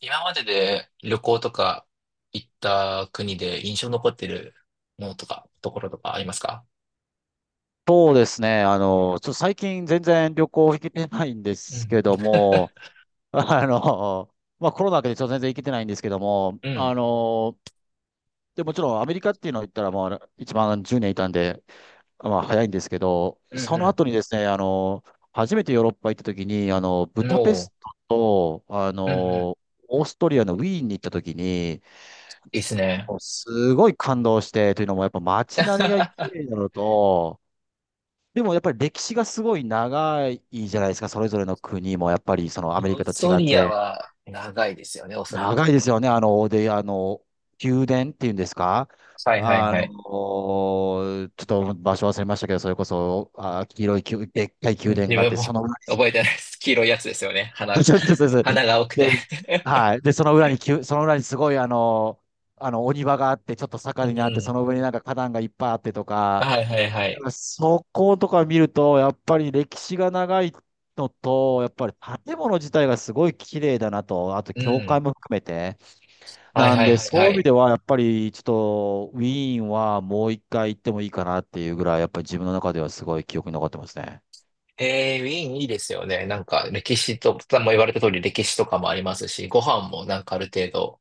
今までで旅行とか行った国で印象に残ってるものとか、ところとかありますか？そうですね。ちょっと最近全然旅行行けてないんでうすん。けども、あの、まあコロナ明けでちょっと全然行けてないんですけども、うん。でもちろんアメリカっていうのを言ったら、まあ一番10年いたんで、まあ早いんですけど、うそのん後にですね、初めてヨーロッパ行った時に、ブうん。ダペもストと、う、うんうん。オーストリアのウィーンに行った時に、いいっすね。もうすごい感動して、というのもやっぱ街並みが綺 麗なのと、でもやっぱり歴史がすごい長いじゃないですか、それぞれの国も、やっぱりそのオアメリカーとス違トっリアて。は長いですよね、おそら長く。いですよね、あの、で、あの、宮殿っていうんですか、はいはいはちい。ょっと場所忘れましたけど、それこそ、黄色い宮、でっかいうん、宮殿自があっ分て、そも の裏に す、覚えてないです。黄色いやつですよね。花、そうです、そうです。花が多くて ではい。で、その裏に宮、その裏にすごい、お庭があって、ちょっと う坂になって、ん。その上になんか花壇がいっぱいあってとか、はいはいはだかい。らそことか見ると、やっぱり歴史が長いのと、やっぱり建物自体がすごい綺麗だなと、あとう教会ん。も含めて。はいなんはいで、はいそういはう意味い。では、やっぱりちょっとウィーンはもう一回行ってもいいかなっていうぐらい、やっぱり自分の中ではすごい記憶に残ってますね。ウィーンいいですよね。なんか歴史と、もう言われた通り歴史とかもありますし、ご飯もなんかある程度、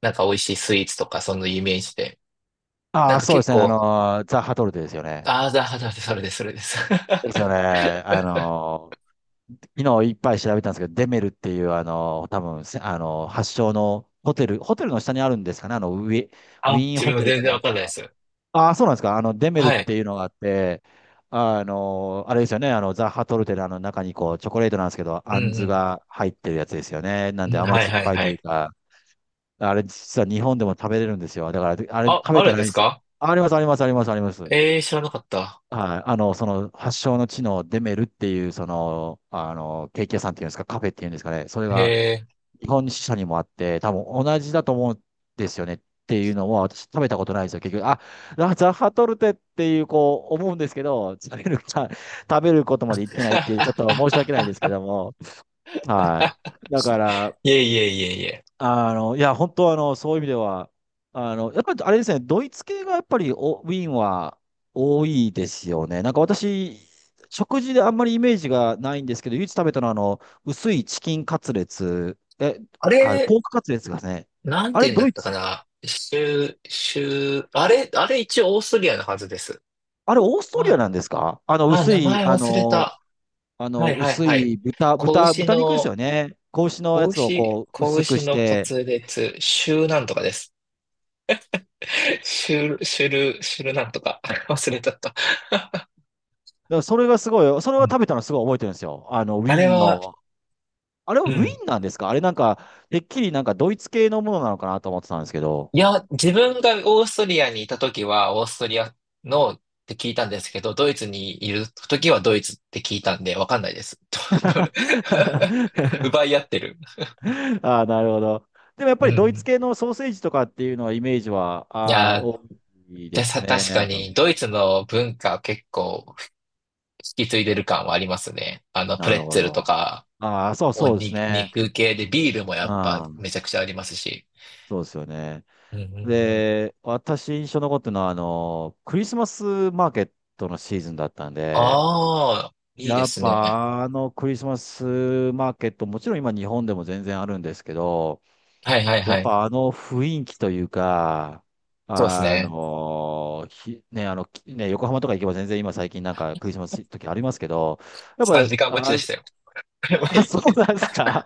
なんか美味しいスイーツとかそのイメージで。なあんあ、かそうで結すね。構、ザ・ハトルテですよね。ああ、だ、だ、だ、それです、それです。ですよね。昨日いっぱい調べたんですけど、デメルっていう、多分せ発祥のホテル、ホテルの下にあるんですかね。ウあ、ィーン自ホ分もテルか全然なわんかんないでか。す。ああ、そうなんですか。デメルはっい。ていうのがあって、あれですよね。ザ・ハトルテのあの中にこう、チョコレートなんですけど、うあんずんが入ってるやつですよね。なうんん。でうん、甘はい酸っはいぱいはというい。か、あれ実は日本でも食べれるんですよ。だから、あれあ、食べあたるんらいでいんですす。か？あります、あります、あります、あります。えー、知らなかった。はい。その、発祥の地のデメルっていう、ケーキ屋さんっていうんですか、カフェっていうんですかね。それへが、え。日本支社にもあって、多分同じだと思うんですよねっていうのは、私食べたことないんですよ、結局。あ、ラザハトルテっていう、こう、思うんですけど、食べることまで言ってないっていう、ちょっと申し訳ないですけ ども。はい。だから、いえいえいえいえ。いや、本当そういう意味では、やっぱりあれですね、ドイツ系がやっぱりおウィーンは多いですよね。なんか私、食事であんまりイメージがないんですけど、唯一食べたのは薄いチキンカツレツ、あれ、ポークカツレツがね、なんあてれ言うんだドっイたかツ、な。あれ一応オーストリアのはずです。あれオーストリアあ、なんですか？あの、薄名い、前あ忘れの、た。あはの、いはい薄はい。い豚、子豚、牛豚肉ですの、よね。子牛のやつをこう、子薄く牛しのて、滑裂、シューなんとかです。シュルなんとか。忘れちゃった。だからそれがすごい、それ うはん、食べたのすごい覚えてるんですよ。ウあィれーンは、のあれはウうィん。ンなんですか？あれなんか、てっきりなんかドイツ系のものなのかなと思ってたんですけど。いや、自分がオーストリアにいた時は、オーストリアのって聞いたんですけど、ドイツにいる時はドイツって聞いたんで、わかんないです。どど 奪い合ってる。ああ、なるほど。でもやっうぱりドイツん。系のソーセージとかっていうのはイメージは、いああ、やー、多いでですさ、ね。確かあと、に、ドイツの文化結構引き継いでる感はありますね。プなレるッほツェルど。とか、ああ、そうそうですね。肉系でビールもやっぱああ、めちゃくちゃありますし。そうですよね。うんうんうん。で、私印象残ってるのは、クリスマスマーケットのシーズンだったんで、ああ、いいでやっすね。ぱあのクリスマスマーケット、もちろん今日本でも全然あるんですけど、はいはいやっはい。ぱあの雰囲気というか、そうですあね。のひ、ね、あの、きね、横浜とか行けば全然今最近なんかクリスマス時ありますけど、やっ3時間待ちぱ、であ、したよ。やあ、い。そうなんですか。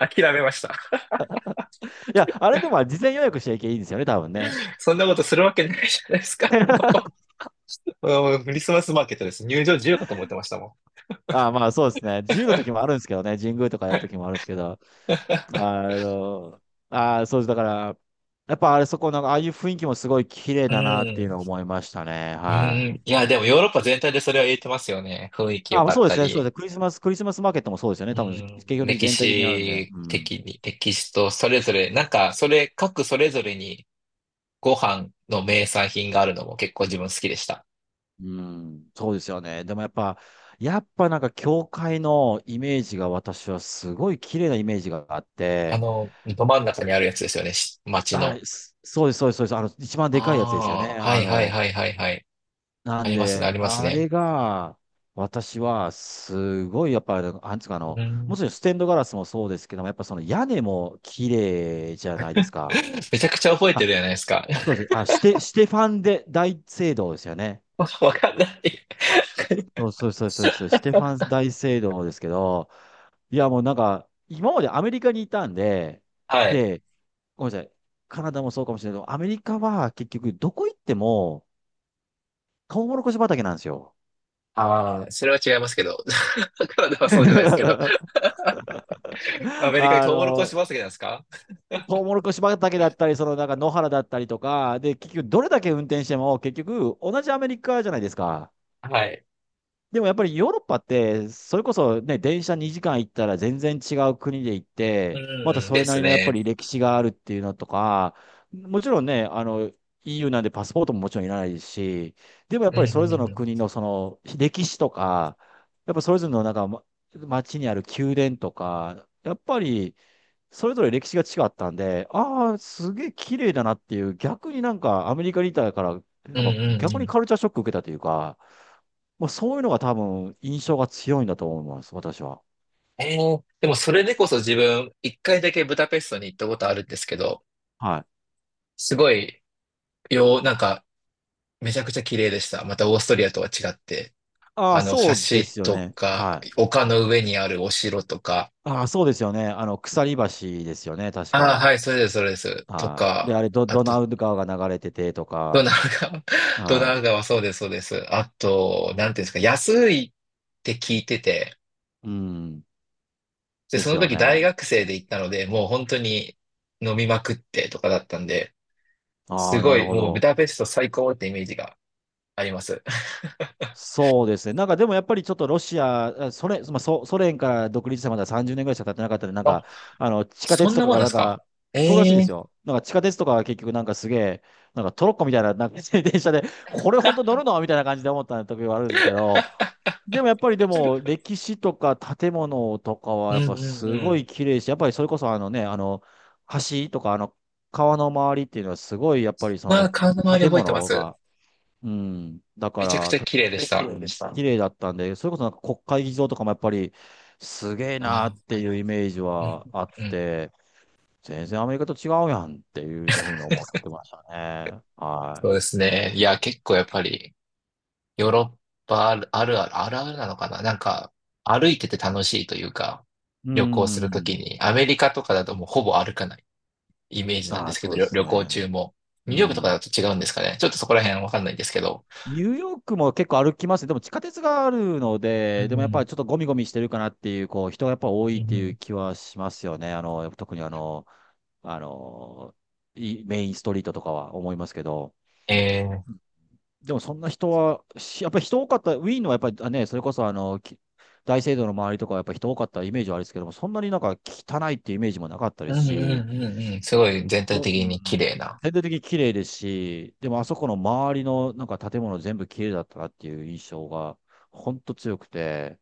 諦めました。いや、あれでも事前予約しちゃいけばいいんですよね、多分ね。そんなことするわけないじゃないですか。うん、クリスマスマーケットです。入場自由かと思ってましたもあ、まあそうですね。自由の時もあるんですけどね、神宮とかやる時もあるんですけど、あの、あ、そうです。だから、やっぱあれそこの、ああいう雰囲気もすごい綺麗ん。うだなっていうのをん。思いましたね。うはん。いや、でもヨーロッパ全体でそれは言えてますよね。雰囲気良あ、かそっうでたすね、そうでり。すね。クリスマスマーケットもそうですよね。う多分、結ん、局的に歴全体的にあるんで。史うん。的に、歴史とそれぞれ、なんか、各それぞれにご飯の名産品があるのも結構自分好きでした。うん。そうですよね。でもやっぱ、やっぱなんか教会のイメージが、私はすごい綺麗なイメージがあって、ど真ん中にあるやつですよね、町はの。い、すそうです、そうです。一番でかいやつですよね。ああ、はいはいはいはいはい。なあんりますね、あで、りますあね。れが、私はすごい、やっぱ、なんつうかうもちん、ろんステンドガラスもそうですけども、やっぱその屋根も綺麗じゃないですか。めちゃくちゃ覚えてるじゃないですか。そうです。ステファンで大聖堂ですよね。わかんない。そうそうそうそうそう、ステファン大聖堂ですけど、いやもうなんか、今までアメリカにいたんで、はい。で、ごめんなさい、カナダもそうかもしれないけど、アメリカは結局どこ行っても、トウモロコシ畑なんですよ。ああ、それは違いますけど。カナダはそうじゃないですけど。アメリカにあトウモロコシの、畑なんですか？トウモロコシ畑だったり、そのなんか野原だったりとか、で、結局どれだけ運転しても、結局同じアメリカじゃないですか。はい。でもやっぱりヨーロッパって、それこそね、電車2時間行ったら全然違う国で行って、またうん、そでれなすりのやっぱね。り歴史があるっていうのとか、もちろんね、EU なんでパスポートももちろんいらないですし、でもやっうぱん、りそうれん、うぞれのん。国のその歴史とか、やっぱそれぞれのなんか街にある宮殿とか、やっぱりそれぞれ歴史が違ったんで、ああ、すげえ綺麗だなっていう、逆になんかアメリカにいたから、うなんんかうん逆にうん。カルチャーショック受けたというか、もうそういうのが多分印象が強いんだと思います、私は。でもそれでこそ自分、一回だけブダペストに行ったことあるんですけど、はい。すごい、なんか、めちゃくちゃ綺麗でした。またオーストリアとは違って、ああ、橋そうですよとね。か、はい。丘の上にあるお城とか、ああ、そうですよね。鎖橋ですよね、確ああ、か。はい、それです、それです。とはい。で、か、あれド、あドと、ナウ川が流れててとドか、ナウ川、ドナはウ川、そうです、そうです。あと、なんていうんですか、安いって聞いてて、い。うん、で、でそすのよ時大ね。学生で行ったので、もう本当に飲みまくってとかだったんで、あすあ、なごるい、ほもうブど。ダペスト最高ってイメージがあります。そうですね。なんかでもやっぱりちょっとロシア、あソ連、ソ連から独立してまだ30年ぐらいしか経ってなかったんで、なんあ、か、地下そ鉄んとなかもんがなんでなんすか？か、そうらしえいでえすー よ。なんか地下鉄とかが結局なんかすげえ、なんかトロッコみたいな、なんか 電車で、これ本当乗るのみたいな感じで思った時はあるんですけど、でもやっぱりでも歴史とか建物とかはうやっぱんうんすうごん。い綺麗し、やっぱりそれこそあのね、橋とか川の周りっていうのはすごいやっぱりそまあ、顔のの周り建覚えてま物す。が、うん。だかめちゃくちら、ゃた綺麗でし綺た。麗でした。綺麗だったんで、それこそ国会議場とかもやっぱり、すげえなーあっていうイメージー、うんはあっうんうん。て、全然アメリカと違うやんっていうふうに思ってましたね。はそうですね。いや、結構やっぱり、ヨーロッパあるあるある、あるあるなのかななんか、歩いてて楽しいというか、い。う旅行するとん。きに、アメリカとかだともうほぼ歩かないイメージなんあであ、すけそど、うです旅行ね。中も。ニうューヨークとかん。だと違うんですかね。ちょっとそこら辺わかんないんですけど。ニューヨークも結構歩きますね。でも地下鉄があるのうで、でもやっぱりんちょっとゴミゴミしてるかなっていう、こう、人がやっぱ多ういんっていううん。気はしますよね。特にあの、メインストリートとかは思いますけど。えー、でもそんな人は、しやっぱり人多かった、ウィーンのはやっぱりね、それこそ大聖堂の周りとかはやっぱり人多かったイメージはあるんですけども、そんなに汚いっていうイメージもなかったうですんうんし、うんうん。すごい全体よう的に綺ん、麗な。全体的に綺麗ですし、でもあそこの周りの建物全部綺麗だったなっていう印象が、ほんと強くて、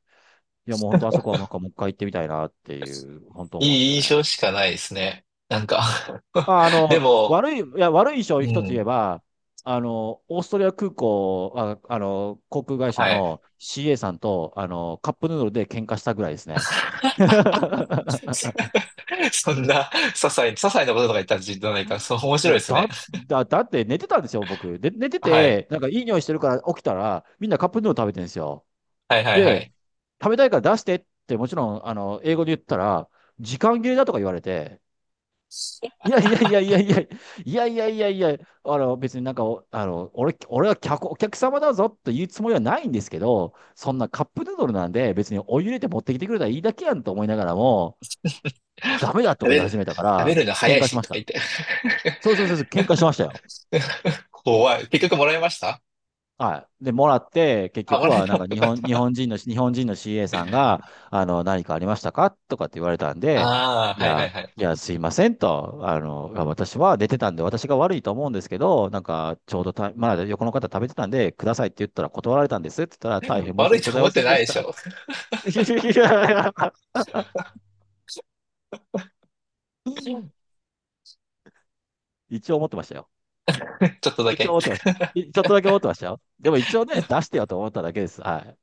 いやもう本当あそこはもう一回行ってみたいなっていう、本当思うんですいよい印ね。象しかないですね。なんか でも、悪い印象をう一つ言えん。ば、オーストリア空港、航空会社はい。の CA さんと、カップヌードルで喧嘩したぐらいですね。そんな、些細なこととか言ったらじゃないから、そう、面い白いや、ですね。だって寝てたんですよ、僕。で、寝てはい。て、なんかいい匂いしてるから起きたら、みんなカップヌードル食べてるんですよ。はいはいはで、い。食べたいから出してって、もちろん、英語で言ったら、時間切れだとか言われて、いやいやいやいやいや、いやいやいやいや、別になんかお、あの、俺、俺はお客様だぞと言うつもりはないんですけど、そんなカップヌードルなんで別にお湯入れて持ってきてくれたらいいだけやんと思いながらも、食ダメだとかべ言いる、始めたか食べら、るの早喧い嘩しし、まとしか言た。って。そうそうそうそう、喧嘩しましたよ。怖い。結局もらいました？はい。で、もらって、結あ、も局らえは、た。よかった。日本人の CA さんが、何かありましたかとかって言われたんで、ああ、いはいはや、いはい。いや、すいませんと、私は出てたんで、私が悪いと思うんですけど、なんか、ちょうどた、まだ横の方食べてたんで、くださいって言ったら断られたんですって言ったら、大変申し悪い訳ごとざい思っませてんなでいしでした。ょ。いやちょ一応思ってましたよ。っとだ一応け。思ってました。ちょっとだけ思ってましたよ。でも一応ね、出してよと思っただけです。はい。